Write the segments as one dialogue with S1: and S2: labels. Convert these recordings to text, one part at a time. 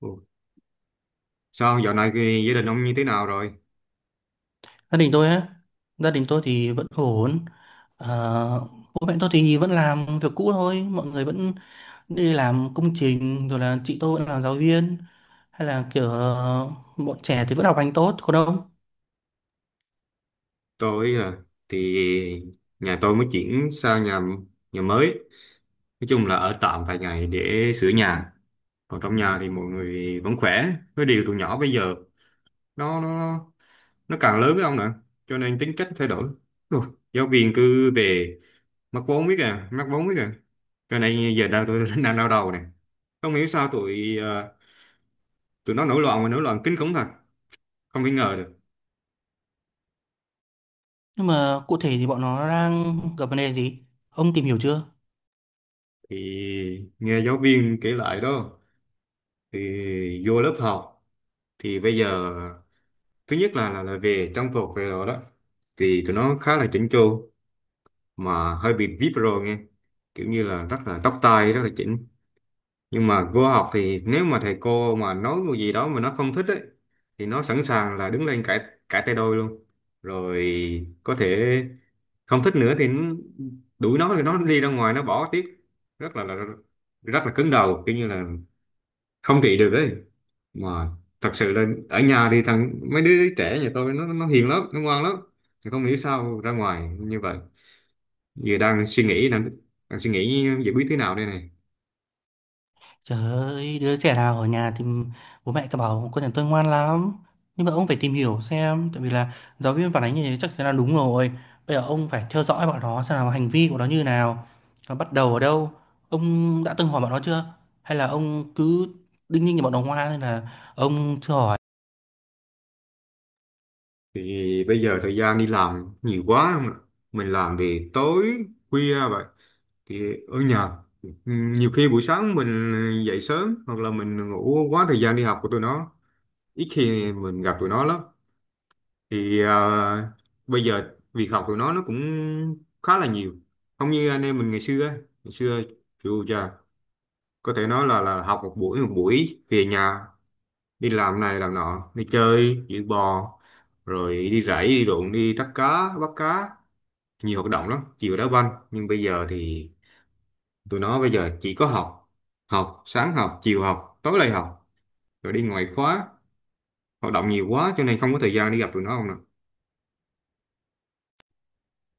S1: Ồ, sao dạo này cái gia đình ông như thế nào rồi?
S2: gia đình tôi á gia đình tôi thì vẫn ổn. Ờ, Bố mẹ tôi thì vẫn làm việc cũ thôi, mọi người vẫn đi làm công trình, rồi là chị tôi vẫn là giáo viên, hay là kiểu bọn trẻ thì vẫn học hành tốt còn ông?
S1: Tôi à, thì nhà tôi mới chuyển sang nhà nhà mới. Nói chung là ở tạm vài ngày để sửa nhà. Còn trong nhà thì mọi người vẫn khỏe. Cái điều tụi nhỏ bây giờ nó nó nó càng lớn với ông nữa, cho nên tính cách thay đổi. Ồ, giáo viên cứ về mắc vốn biết à, mắc vốn biết à. Cho nên giờ đang tôi đang đau đầu nè. Không hiểu sao tụi nó nổi loạn mà nổi loạn kinh khủng thật. Không thể ngờ được.
S2: Nhưng mà cụ thể thì bọn nó đang gặp vấn đề gì, ông tìm hiểu chưa?
S1: Thì nghe giáo viên kể lại đó, thì vô lớp học thì bây giờ thứ nhất là về trang phục về rồi đó, thì tụi nó khá là chỉnh chu, mà hơi bị vip rồi nghe, kiểu như là rất là tóc tai rất là chỉnh. Nhưng mà vô học thì nếu mà thầy cô mà nói một gì đó mà nó không thích ấy, thì nó sẵn sàng là đứng lên cãi, cãi tay đôi luôn, rồi có thể không thích nữa thì đuổi nó thì nó đi ra ngoài nó bỏ tiếp. rất là, là Rất là cứng đầu, kiểu như là không trị được đấy, mà thật sự là ở nhà thì mấy đứa trẻ nhà tôi nó hiền lắm nó ngoan lắm. Thì không hiểu sao ra ngoài như vậy. Giờ đang suy nghĩ giải quyết thế nào đây này.
S2: Trời ơi, đứa trẻ nào ở nhà thì bố mẹ cứ bảo con nhà tôi ngoan lắm. Nhưng mà ông phải tìm hiểu xem, tại vì là giáo viên phản ánh như thế chắc chắn là đúng rồi. Bây giờ ông phải theo dõi bọn nó xem là hành vi của nó như nào, nó bắt đầu ở đâu. Ông đã từng hỏi bọn nó chưa? Hay là ông cứ đinh ninh như bọn nó ngoan nên là ông chưa hỏi?
S1: Thì bây giờ thời gian đi làm nhiều quá không ạ? Mình làm thì tối khuya vậy thì ở nhà nhiều khi buổi sáng mình dậy sớm, hoặc là mình ngủ quá thời gian đi học của tụi nó, ít khi mình gặp tụi nó lắm. Thì bây giờ việc học của nó cũng khá là nhiều, không như anh em mình ngày xưa á. Ngày xưa chịu chà, có thể nói là học một buổi, một buổi về nhà đi làm này làm nọ đi chơi giữ bò, rồi đi rẫy đi ruộng đi bắt cá nhiều hoạt động lắm, chiều đá banh. Nhưng bây giờ thì tụi nó bây giờ chỉ có học, học sáng học chiều học tối lại học, rồi đi ngoại khóa, hoạt động nhiều quá cho nên không có thời gian đi gặp tụi nó không nè.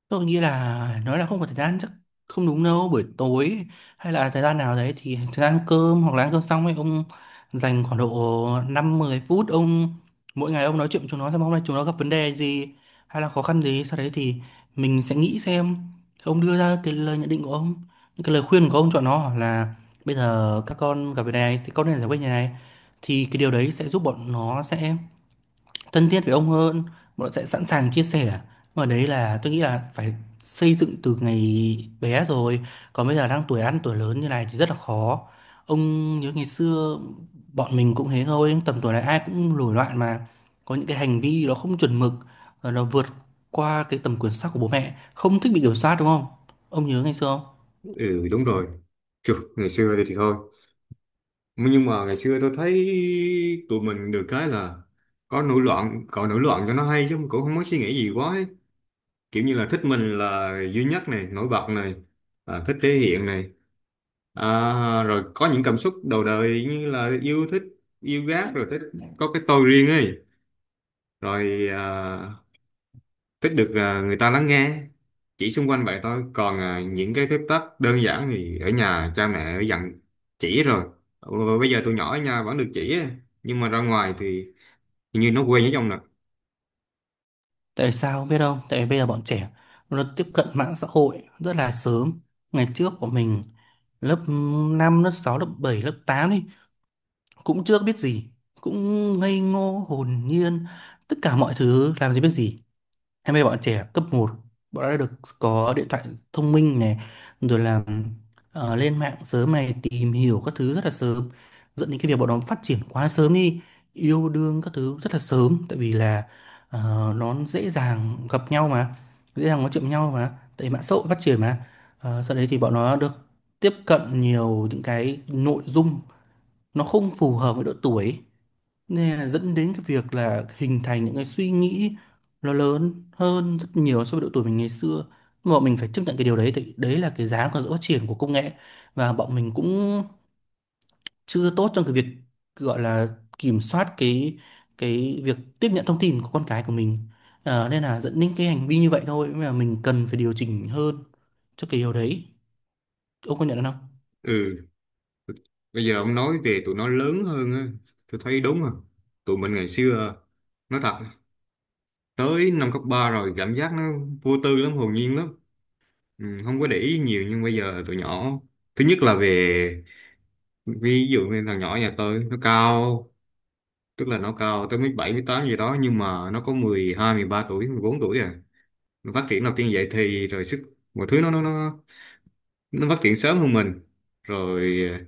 S2: Tôi nghĩ là nói là không có thời gian chắc không đúng đâu. Buổi tối hay là thời gian nào đấy, thì thời gian ăn cơm hoặc là ăn cơm xong ấy, ông dành khoảng độ 5-10 phút, ông mỗi ngày ông nói chuyện với chúng nó xem hôm nay chúng nó gặp vấn đề gì hay là khó khăn gì, sau đấy thì mình sẽ nghĩ xem, ông đưa ra cái lời nhận định của ông, những cái lời khuyên của ông cho nó là bây giờ các con gặp vấn đề này thì con nên giải quyết như này. Thì cái điều đấy sẽ giúp bọn nó sẽ thân thiết với ông hơn, bọn sẽ sẵn sàng chia sẻ. Mà đấy là tôi nghĩ là phải xây dựng từ ngày bé rồi, còn bây giờ đang tuổi ăn tuổi lớn như này thì rất là khó. Ông nhớ ngày xưa, bọn mình cũng thế thôi, tầm tuổi này ai cũng nổi loạn mà, có những cái hành vi nó không chuẩn mực, rồi nó vượt qua cái tầm kiểm soát của bố mẹ, không thích bị kiểm soát đúng không? Ông nhớ ngày xưa không?
S1: Ừ, đúng rồi. Chù, ngày xưa thì thôi, nhưng mà ngày xưa tôi thấy tụi mình được cái là có nổi loạn cậu nổi loạn cho nó hay chứ cũng không có suy nghĩ gì quá ấy. Kiểu như là thích mình là duy nhất này, nổi bật này, à, thích thể hiện này, à, rồi có những cảm xúc đầu đời như là yêu thích, yêu ghét rồi thích có cái tôi riêng ấy. Rồi à, thích được à, người ta lắng nghe chỉ xung quanh vậy thôi, còn à, những cái phép tắc đơn giản thì ở nhà cha mẹ đã dặn chỉ rồi. Ừ, bây giờ tụi nhỏ ở nhà vẫn được chỉ á, nhưng mà ra ngoài thì hình như nó quen với ông nè.
S2: Tại sao không biết không? Tại vì bây giờ bọn trẻ nó tiếp cận mạng xã hội rất là sớm. Ngày trước của mình, lớp 5 lớp 6 lớp 7 lớp 8 đi cũng chưa biết gì, cũng ngây ngô hồn nhiên, tất cả mọi thứ làm gì biết gì. Em bây giờ bọn trẻ cấp một, bọn đã được có điện thoại thông minh này, rồi là lên mạng sớm này, tìm hiểu các thứ rất là sớm, dẫn đến cái việc bọn nó phát triển quá sớm đi, yêu đương các thứ rất là sớm, tại vì là nó dễ dàng gặp nhau mà, dễ dàng nói chuyện với nhau mà, tại vì mạng xã hội phát triển mà. Sau đấy thì bọn nó được tiếp cận nhiều những cái nội dung nó không phù hợp với độ tuổi. Nè, dẫn đến cái việc là hình thành những cái suy nghĩ nó lớn hơn rất nhiều so với độ tuổi mình ngày xưa. Nhưng mà bọn mình phải chấp nhận cái điều đấy, thì đấy là cái giá của sự phát triển của công nghệ, và bọn mình cũng chưa tốt trong cái việc gọi là kiểm soát cái việc tiếp nhận thông tin của con cái của mình. Nên là dẫn đến cái hành vi như vậy thôi, mà mình cần phải điều chỉnh hơn cho cái điều đấy. Ông có nhận không?
S1: Ừ, bây giờ ông nói về tụi nó lớn hơn á, tôi thấy đúng rồi. Tụi mình ngày xưa nói thật, tới năm cấp 3 rồi cảm giác nó vô tư lắm hồn nhiên lắm. Ừ, không có để ý nhiều, nhưng bây giờ tụi nhỏ thứ nhất là về, ví dụ như thằng nhỏ nhà tôi nó cao, tức là nó cao tới mấy bảy mấy tám gì đó, nhưng mà nó có 12, 13 tuổi 14 tuổi à. Nó phát triển đầu tiên vậy thì rồi sức mọi thứ nó phát triển sớm hơn mình. Rồi à,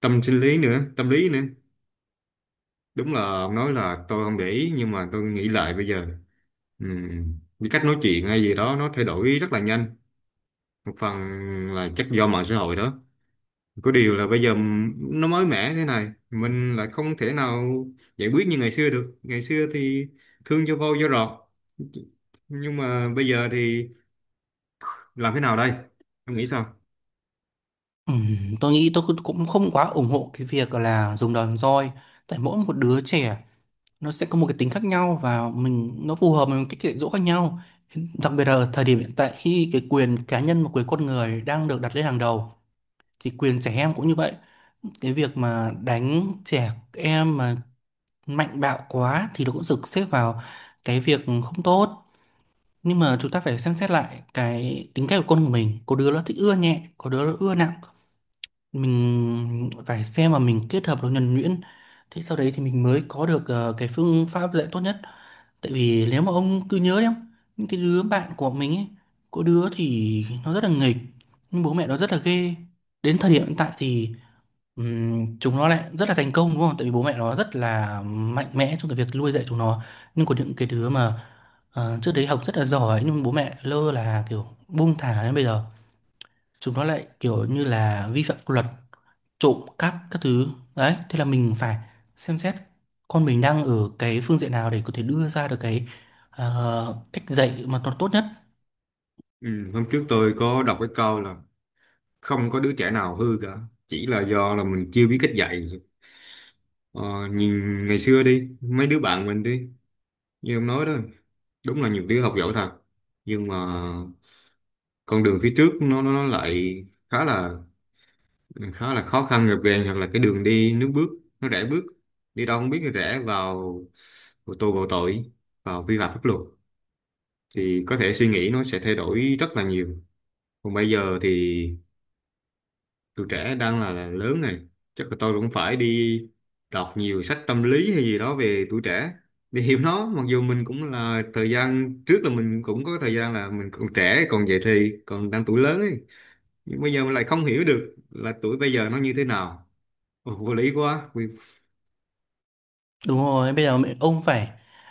S1: tâm sinh lý nữa tâm lý nữa, đúng là ông nói là tôi không để ý, nhưng mà tôi nghĩ lại bây giờ cái cách nói chuyện hay gì đó nó thay đổi rất là nhanh, một phần là chắc do mạng xã hội đó. Có điều là bây giờ nó mới mẻ thế này, mình lại không thể nào giải quyết như ngày xưa được. Ngày xưa thì thương cho vô cho rọt, nhưng mà bây giờ thì làm thế nào đây? Em nghĩ sao?
S2: Tôi nghĩ tôi cũng cũng không quá ủng hộ cái việc là dùng đòn roi, tại mỗi một đứa trẻ nó sẽ có một cái tính khác nhau, và mình nó phù hợp với một cái dạy dỗ khác nhau. Đặc biệt là thời điểm hiện tại khi cái quyền cá nhân và quyền con người đang được đặt lên hàng đầu, thì quyền trẻ em cũng như vậy. Cái việc mà đánh trẻ em mà mạnh bạo quá thì nó cũng được xếp vào cái việc không tốt. Nhưng mà chúng ta phải xem xét lại cái tính cách của con của mình, có đứa nó thích ưa nhẹ, có đứa nó ưa nặng, mình phải xem và mình kết hợp nó nhuần nhuyễn, thế sau đấy thì mình mới có được cái phương pháp dạy tốt nhất. Tại vì nếu mà ông cứ nhớ đấy không, những cái đứa bạn của mình ấy, có đứa thì nó rất là nghịch nhưng bố mẹ nó rất là ghê, đến thời điểm hiện tại thì chúng nó lại rất là thành công đúng không, tại vì bố mẹ nó rất là mạnh mẽ trong cái việc nuôi dạy chúng nó. Nhưng có những cái đứa mà trước đấy học rất là giỏi nhưng bố mẹ lơ là kiểu buông thả, đến bây giờ chúng nó lại kiểu như là vi phạm pháp luật, trộm cắp các thứ. Đấy, thế là mình phải xem xét con mình đang ở cái phương diện nào để có thể đưa ra được cái cách dạy mà nó tốt nhất.
S1: Ừ, hôm trước tôi có đọc cái câu là không có đứa trẻ nào hư cả, chỉ là do là mình chưa biết cách dạy. Ờ, nhìn ngày xưa đi, mấy đứa bạn mình đi, như em nói đó, đúng là nhiều đứa học giỏi thật, nhưng mà con đường phía trước nó lại khá là, khá là khó khăn gập ghềnh, hoặc là cái đường đi nước bước nó rẽ bước đi đâu không biết rẽ vào, vào tù vào tội, vào vi phạm pháp luật, thì có thể suy nghĩ nó sẽ thay đổi rất là nhiều. Còn bây giờ thì tụi trẻ đang là lớn này, chắc là tôi cũng phải đi đọc nhiều sách tâm lý hay gì đó về tuổi trẻ để hiểu nó, mặc dù mình cũng là thời gian trước là mình cũng có thời gian là mình còn trẻ còn dậy thì còn đang tuổi lớn ấy, nhưng bây giờ mình lại không hiểu được là tuổi bây giờ nó như thế nào. Ồ, vô lý quá.
S2: Đúng rồi, bây giờ ông phải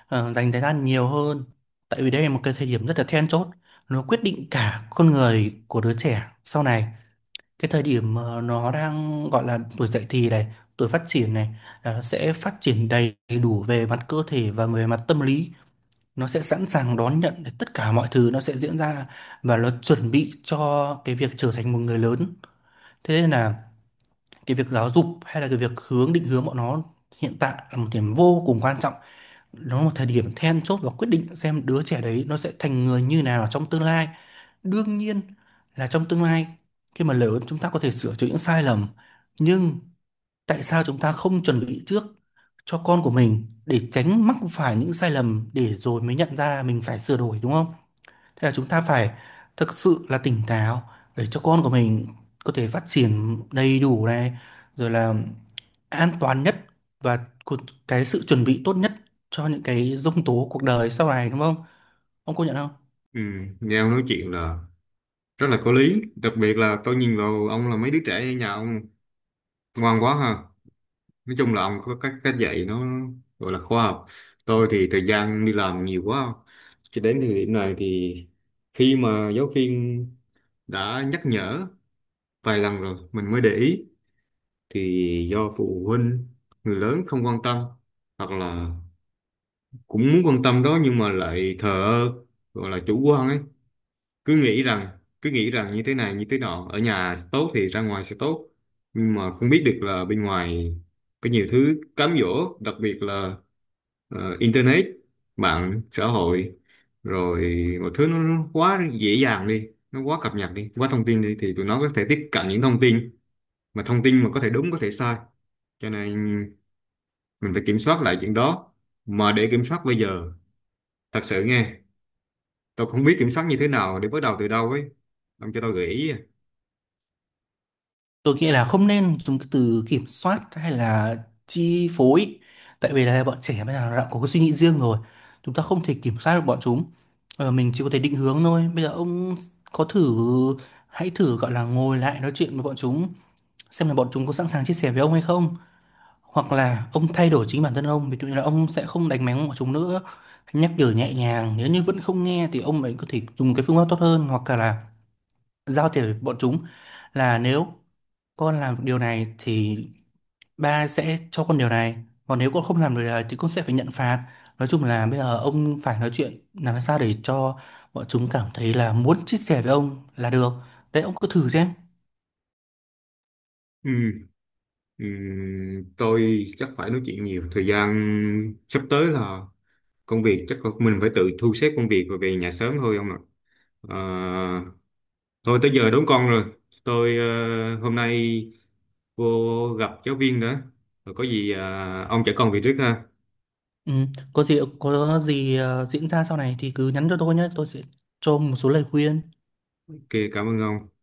S2: dành thời gian nhiều hơn, tại vì đây là một cái thời điểm rất là then chốt, nó quyết định cả con người của đứa trẻ sau này. Cái thời điểm mà nó đang gọi là tuổi dậy thì này, tuổi phát triển này, là nó sẽ phát triển đầy đủ về mặt cơ thể và về mặt tâm lý, nó sẽ sẵn sàng đón nhận để tất cả mọi thứ nó sẽ diễn ra, và nó chuẩn bị cho cái việc trở thành một người lớn. Thế nên là cái việc giáo dục hay là cái việc hướng định hướng bọn nó hiện tại là một điểm vô cùng quan trọng, nó là một thời điểm then chốt và quyết định xem đứa trẻ đấy nó sẽ thành người như nào trong tương lai. Đương nhiên là trong tương lai, khi mà lớn, chúng ta có thể sửa chữa những sai lầm, nhưng tại sao chúng ta không chuẩn bị trước cho con của mình để tránh mắc phải những sai lầm để rồi mới nhận ra mình phải sửa đổi, đúng không? Thế là chúng ta phải thực sự là tỉnh táo để cho con của mình có thể phát triển đầy đủ này, rồi là an toàn nhất, và cu- cái sự chuẩn bị tốt nhất cho những cái giông tố cuộc đời sau này, đúng không? Ông công nhận không?
S1: Ừ, nghe ông nói chuyện là rất là có lý, đặc biệt là tôi nhìn vào ông là mấy đứa trẻ ở nhà ông ngoan quá ha. Nói chung là ông có cách cách dạy nó gọi là khoa học. Tôi thì thời gian đi làm nhiều quá, cho đến thời điểm này thì khi mà giáo viên đã nhắc nhở vài lần rồi mình mới để ý, thì do phụ huynh người lớn không quan tâm, hoặc là cũng muốn quan tâm đó nhưng mà lại thờ ơ, gọi là chủ quan ấy, cứ nghĩ rằng cứ nghĩ rằng như thế này như thế nọ ở nhà tốt thì ra ngoài sẽ tốt. Nhưng mà không biết được là bên ngoài có nhiều thứ cám dỗ, đặc biệt là internet, mạng xã hội, rồi một thứ nó quá dễ dàng đi nó quá cập nhật đi quá thông tin đi, thì tụi nó có thể tiếp cận những thông tin, mà thông tin mà có thể đúng có thể sai, cho nên mình phải kiểm soát lại chuyện đó. Mà để kiểm soát bây giờ thật sự nghe tôi không biết kiểm soát như thế nào để bắt đầu từ đâu ấy, ông cho tôi gợi ý à.
S2: Tôi nghĩ là không nên dùng cái từ kiểm soát hay là chi phối, tại vì là bọn trẻ bây giờ nó đã có cái suy nghĩ riêng rồi, chúng ta không thể kiểm soát được bọn chúng. Mình chỉ có thể định hướng thôi. Bây giờ ông có thử hãy thử gọi là ngồi lại nói chuyện với bọn chúng, xem là bọn chúng có sẵn sàng chia sẻ với ông hay không, hoặc là ông thay đổi chính bản thân ông, ví dụ như là ông sẽ không đánh mắng bọn chúng nữa, nhắc nhở nhẹ nhàng, nếu như vẫn không nghe thì ông ấy có thể dùng cái phương pháp tốt hơn, hoặc là giao thiệp với bọn chúng là nếu con làm được điều này thì ba sẽ cho con điều này, còn nếu con không làm được điều này thì con sẽ phải nhận phạt. Nói chung là bây giờ ông phải nói chuyện làm sao để cho bọn chúng cảm thấy là muốn chia sẻ với ông là được. Đấy, ông cứ thử xem.
S1: Ừ. Tôi chắc phải nói chuyện nhiều, thời gian sắp tới là công việc chắc là mình phải tự thu xếp công việc rồi về nhà sớm thôi ông ạ. Ờ, thôi tới giờ đón con rồi, tôi hôm nay vô gặp giáo viên nữa, rồi có gì ông chở con về trước ha.
S2: Ừ, có gì diễn ra sau này thì cứ nhắn cho tôi nhé, tôi sẽ cho một số lời khuyên.
S1: Ok, cảm ơn ông.